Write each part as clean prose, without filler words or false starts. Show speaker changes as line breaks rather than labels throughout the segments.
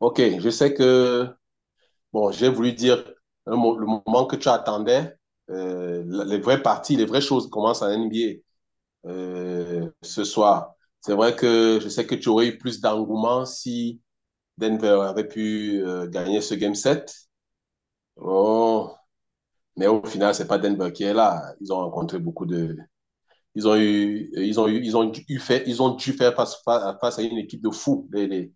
Ok, je sais que, bon, j'ai voulu dire le moment que tu attendais, les vraies parties, les vraies choses commencent à NBA ce soir. C'est vrai que je sais que tu aurais eu plus d'engouement si Denver avait pu gagner ce Game 7. Oh, mais au final, c'est pas Denver qui est là. Ils ont rencontré beaucoup de... Ils ont eu, ils ont dû faire face à une équipe de fous,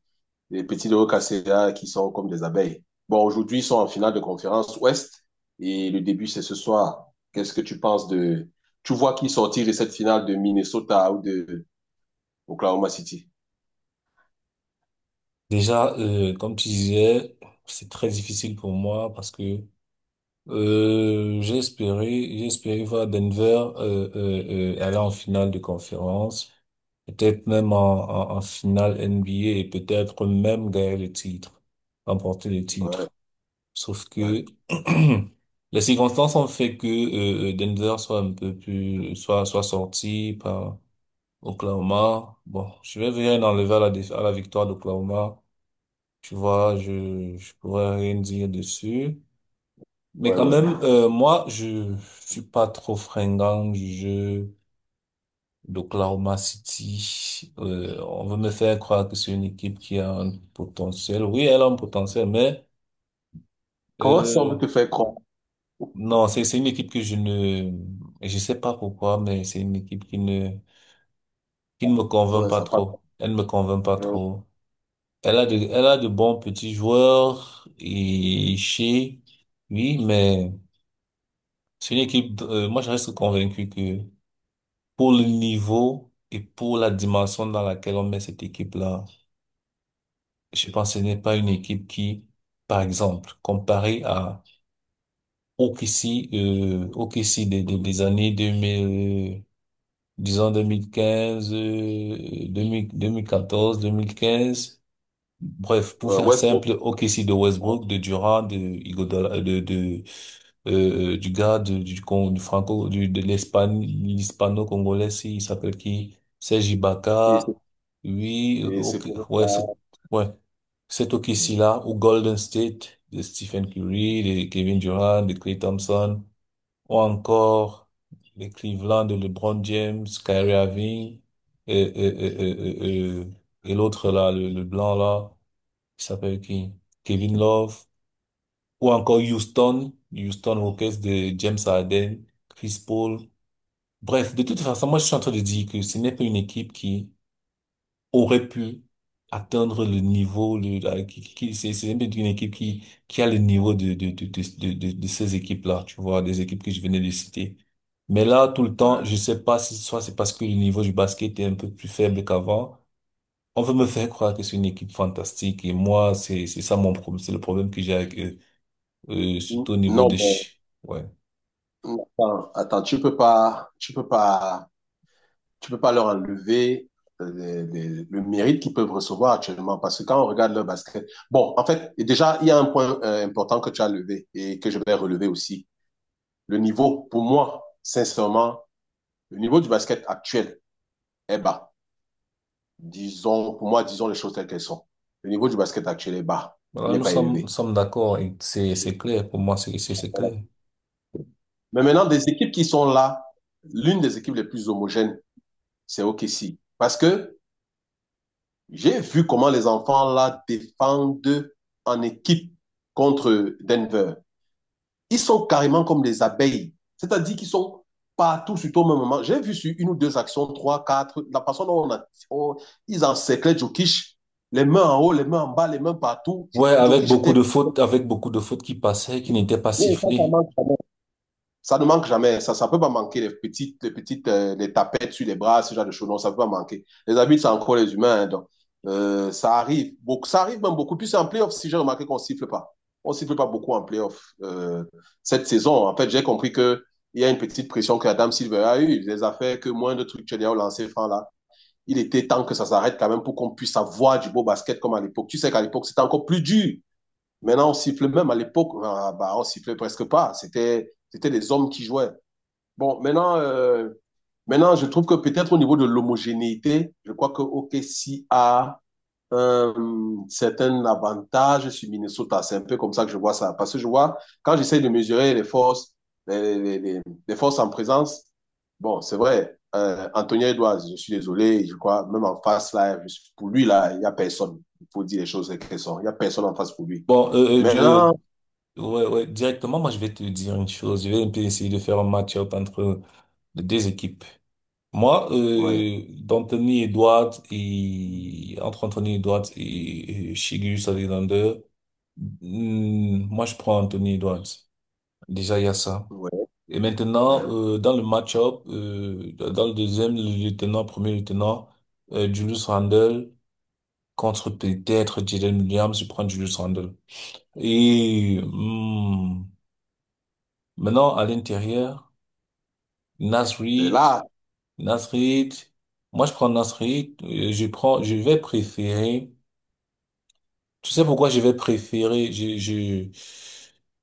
les petits de Casera qui sont comme des abeilles. Bon, aujourd'hui, ils sont en finale de conférence Ouest et le début, c'est ce soir. Qu'est-ce que tu penses de. Tu vois qui sortir de cette finale de Minnesota ou de Oklahoma City?
Déjà, comme tu disais, c'est très difficile pour moi parce que j'ai espéré voir Denver aller en finale de conférence, peut-être même en finale NBA et peut-être même gagner le titre, remporter le
Ouais,
titre. Sauf
ouais,
que les circonstances ont fait que Denver soit un peu plus, soit soit sorti par Oklahoma. Bon, je vais venir enlever à la victoire d'Oklahoma. Tu vois, je pourrais rien dire dessus. Mais
ouais,
quand
ouais.
même, moi, je suis pas trop fringant du jeu d'Oklahoma City. On veut me faire croire que c'est une équipe qui a un potentiel. Oui, elle a un potentiel, mais
Comment ça, on veut
euh,
te faire croire?
non, c'est une équipe que je ne, je sais pas pourquoi, mais c'est une équipe qui ne me convainc
Ouais,
pas
ça passe.
trop. Elle ne me convainc pas
Euh,
trop. Elle a de bons petits joueurs et chez, oui, mais c'est une équipe, moi je reste convaincu que pour le niveau et pour la dimension dans laquelle on met cette équipe-là, je pense que ce n'est pas une équipe qui, par exemple, comparée à OKC, OKC des années 2000, disons 2015, 2000 2014, 2015. Bref, pour faire
Westbrook,
simple, OKC de Westbrook, de Durant, de Iguodala, de du gars de- du, con- du franco, du, de l'Espagne, l'hispano-congolais, si, il s'appelle qui? Serge
et
Ibaka.
c'est
Oui,
et c'est
ok,
pour ça.
ouais, ouais, cet OKC-là, ou Golden State, de Stephen Curry, de Kevin Durant, de Klay Thompson, ou encore les Cleveland, de LeBron James, Kyrie Irving, et, et, et, et, et, et- et l'autre là, le blanc là. Il s'appelle qui? Kevin Love. Ou encore Houston. Houston Rockets de James Harden, Chris Paul. Bref, de toute façon, moi, je suis en train de dire que ce n'est pas une équipe qui aurait pu atteindre le niveau, le, la- qui- C'est une équipe qui a le niveau de ces équipes-là, tu vois, des équipes que je venais de citer. Mais là, tout le temps,
Ouais.
je sais pas si soit c'est parce que le niveau du basket est un peu plus faible qu'avant, on veut me faire croire que c'est une équipe fantastique et moi, c'est ça mon problème, c'est le problème que j'ai avec eux. Surtout au niveau
Non,
des
bon.
chi-. Ouais.
Attends, attends, tu peux pas leur enlever le mérite qu'ils peuvent recevoir actuellement parce que quand on regarde leur basket, bon, en fait, et déjà, il y a un point important que tu as levé et que je vais relever aussi. Le niveau, pour moi, sincèrement, le niveau du basket actuel est bas. Disons, pour moi, disons les choses telles qu'elles sont. Le niveau du basket actuel est bas, il
Voilà,
n'est pas
nous
élevé.
sommes d'accord et c'est clair. Pour moi, c'est
Voilà.
clair.
Mais maintenant, des équipes qui sont là, l'une des équipes les plus homogènes, c'est OKC. Parce que J'ai vu comment les enfants là défendent en équipe contre Denver. Ils sont carrément comme des abeilles, c'est-à-dire qu'ils sont partout sur au même moment. J'ai vu sur une ou deux actions, trois, quatre, la façon dont ils encerclaient Jokic, les mains en haut, les mains en bas, les mains partout.
Ouais, avec
Jokic
beaucoup de
était
fautes, avec beaucoup de fautes qui passaient, qui n'étaient pas
Oui, ça
sifflées.
marche. Ça ne manque jamais. Ça ne peut pas manquer les petites les tapettes sur les bras, ce genre de choses. Non, ça ne peut pas manquer. Les arbitres, c'est encore les humains. Hein, donc, ça arrive. Beaucoup, ça arrive même beaucoup plus en playoff, si j'ai remarqué qu'on ne siffle pas. On ne siffle pas beaucoup en playoff cette saison. En fait, j'ai compris qu'il y a une petite pression que Adam Silver a eue. Il les a fait que moins de trucs que au lancé franc là. Il était temps que ça s'arrête quand même pour qu'on puisse avoir du beau basket comme à l'époque. Tu sais qu'à l'époque, c'était encore plus dur. Maintenant, on siffle même à l'époque, on sifflait presque pas. C'était des hommes qui jouaient. Bon, maintenant, je trouve que peut-être au niveau de l'homogénéité, je crois que OKC a un certain avantage sur Minnesota. C'est un peu comme ça que je vois ça. Parce que je vois, quand j'essaie de mesurer les forces, les, les- les- les forces en présence, bon, c'est vrai, Anthony Edwards, je suis désolé, je crois, même en face, là, pour lui, là, il n'y a personne. Il faut dire les choses telles qu'elles sont. Il n'y a personne en face pour lui.
Bon,
Maintenant,
ouais, ouais, directement, moi, je vais te dire une chose. Je vais un peu essayer de faire un match-up entre les deux équipes. Moi,
ouais,
d'Anthony Edwards et entre Anthony Edwards et Shai Alexander, moi je prends Anthony Edwards. Déjà il y a ça.
ouais,
Et
ouais.
maintenant dans le match-up, dans le deuxième le lieutenant, premier lieutenant, Julius Randle contre peut-être Jalen Williams, je prends Julius Randle. Et maintenant à l'intérieur, Naz
C'est
Reid
là,
Nasrid, moi je prends Nasrid, je prends, je vais préférer, tu sais pourquoi je vais préférer,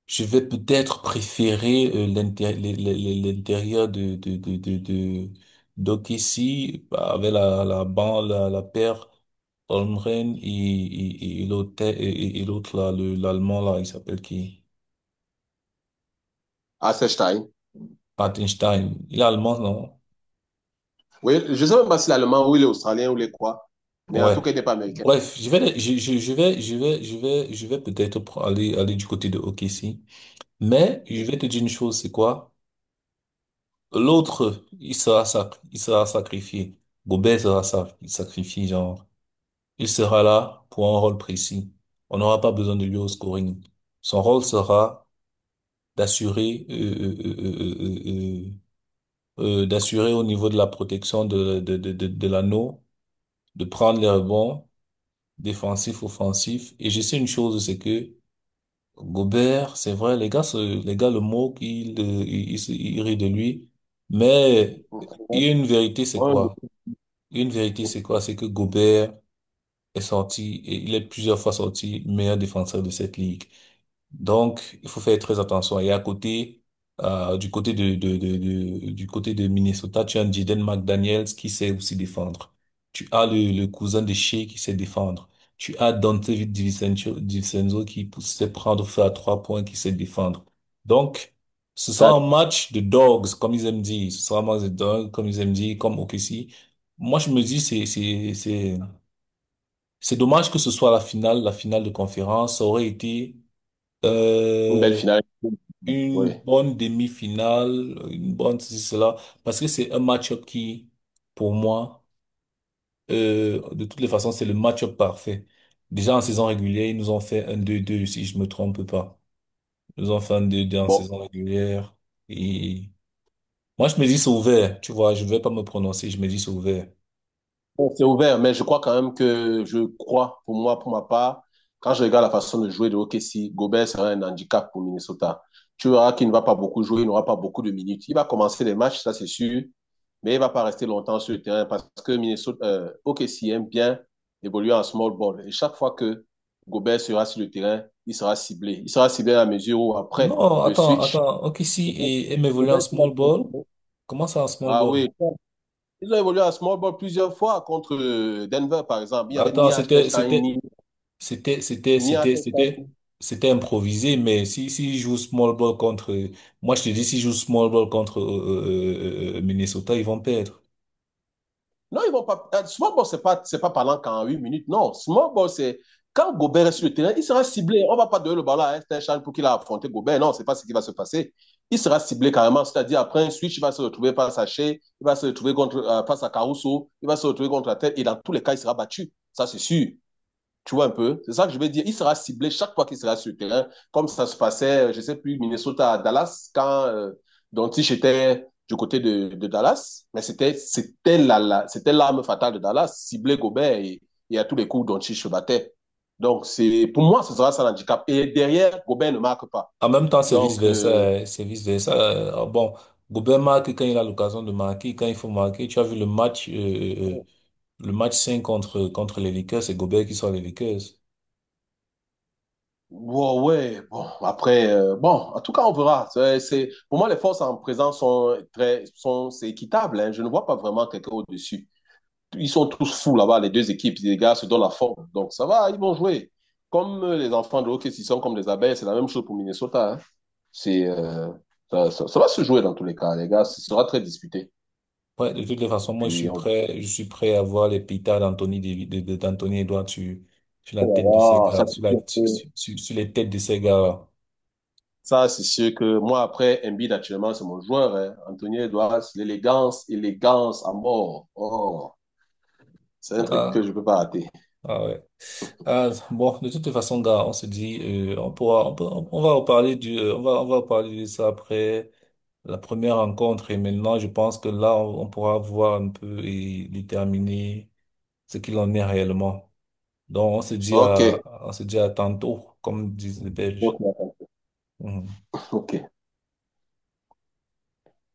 je vais peut-être préférer l'intérieur d'Okessi, bah, avec la paire, Holmgren et l'autre, et l'autre là, l'allemand là, il s'appelle qui?
à Stein.
Patenstein. Il est allemand, non?
Oui, je ne sais même pas s'il est allemand ou il est australien ou il est quoi, mais en
Ouais.
tout cas, il n'est pas américain.
Bref, je vais peut-être aller du côté de OKC. Mais je vais te dire une chose, c'est quoi? L'autre, il sera sacrifié. Gobert sera sacrifié, genre. Il sera là pour un rôle précis. On n'aura pas besoin de lui au scoring. Son rôle sera d'assurer, euh, euh, euh, euh, euh, d'assurer au niveau de la protection de l'anneau, de prendre les rebonds défensif, offensif. Et je sais une chose, c'est que Gobert, c'est vrai, les gars, les gars le moquent, ils rient de lui. Mais il y a une vérité, c'est
Ouais.
quoi? Une vérité, c'est quoi? C'est que Gobert est sorti, et il est plusieurs fois sorti meilleur défenseur de cette ligue. Donc, il faut faire très attention. Et à côté, du côté de Minnesota, tu as un Jaden McDaniels qui sait aussi défendre. Tu as le cousin de Shea qui sait défendre. Tu as Dante DiVincenzo qui sait prendre feu à 3 points, qui sait défendre. Donc, ce sera un match de dogs, comme ils aiment dire. Ce sera un match de dogs, comme ils aiment dire, comme OKC. Moi, je me dis, c'est dommage que ce soit la finale de conférence. Ça aurait été
Une belle
euh,
finale. Oui.
une bonne demi-finale, une bonne ceci, cela, parce que c'est un match-up qui, pour moi, de toutes les façons, c'est le match-up parfait. Déjà en saison régulière, ils nous ont fait un 2-2 si je me trompe pas. Ils nous ont fait un deux deux en
Bon.
saison régulière. Et moi, je me dis c'est ouvert, tu vois, je vais pas me prononcer, je me dis c'est ouvert.
Bon, c'est ouvert, mais je crois quand même que je crois, pour moi, pour ma part, quand je regarde la façon de jouer de OKC, Gobert sera un handicap pour Minnesota. Tu verras qu'il ne va pas beaucoup jouer, il n'aura pas beaucoup de minutes. Il va commencer les matchs, ça c'est sûr, mais il ne va pas rester longtemps sur le terrain parce que OKC aime bien évoluer en small ball. Et chaque fois que Gobert sera sur le terrain, il sera ciblé. Il sera ciblé à la mesure où après
Non,
le
attends,
switch.
attends. Ok, si
Gobert,
et m'évoluer en
Gobert, tu l'as
small
sur
ball.
le
Comment ça en small
Ah
ball?
oui, ils ont évolué à small ball plusieurs fois contre Denver, par exemple. Il y avait
Attends,
Stein, ni,
c'était, c'était,
ni
c'était,
Stein.
c'était, c'était improvisé, mais si joue small ball contre, moi je te dis, si joue small ball contre Minnesota, ils vont perdre.
Non, ils vont pas. Small ball, c'est pas parlant qu'en 8 minutes. Non, small ball, c'est quand Gobert est sur le terrain, il sera ciblé. On ne va pas donner le ballon à Stein pour qu'il a affronté Gobert. Non, c'est pas ce qui va se passer. Il sera ciblé carrément. C'est-à-dire, après un switch, il va se retrouver face à Shea, il va se retrouver contre, face à Caruso, il va se retrouver contre la tête. Et dans tous les cas, il sera battu. Ça, c'est sûr. Tu vois un peu? C'est ça que je veux dire. Il sera ciblé chaque fois qu'il sera sur le terrain, comme ça se passait, je sais plus, Minnesota à Dallas, quand Doncic était du côté de Dallas. Mais c'était l'arme fatale de Dallas, cibler Gobert et à tous les coups, Doncic se battait. Donc, c'est, pour moi, ce sera ça l'handicap. Et derrière, Gobert ne marque pas.
En même temps, c'est
Donc,
vice-versa, hein, c'est vice-versa. Ah bon, Gobert marque quand il a l'occasion de marquer, quand il faut marquer. Tu as vu le match 5 contre les Lakers, c'est Gobert qui sort les Lakers.
ouais, bon, après, bon, en tout cas, on verra. Pour moi, les forces en présence c'est équitable, hein. Je ne vois pas vraiment quelqu'un au-dessus. Ils sont tous fous là-bas, les deux équipes. Les gars se donnent la forme. Donc, ça va, ils vont jouer. Comme les enfants de hockey, s'ils sont comme des abeilles, c'est la même chose pour Minnesota, hein. C'est, euh, ça va se jouer dans tous les cas, les gars. Ce sera très disputé.
Ouais, de toutes les
Et
façons, moi,
puis, on
je suis prêt à voir les pétards d'Anthony, Davi- de- d'Anthony Edouard sur la tête de ces
verra.
gars, sur la, sur, sur- sur les têtes de ces gars.
Ça, c'est sûr que moi, après, Embiid, actuellement, c'est mon joueur, hein. Anthony Edwards, l'élégance, élégance à mort. Oh. C'est un truc que je
Ah,
peux pas rater.
ah ouais. Ah, bon, de toutes les façons, gars, on se dit, on va reparler de ça après la première rencontre. Et maintenant, je pense que là, on pourra voir un peu et déterminer ce qu'il en est réellement. Donc,
Ok.
on se dit à tantôt, comme disent les Belges.
Ok.
Mhm.
Ok.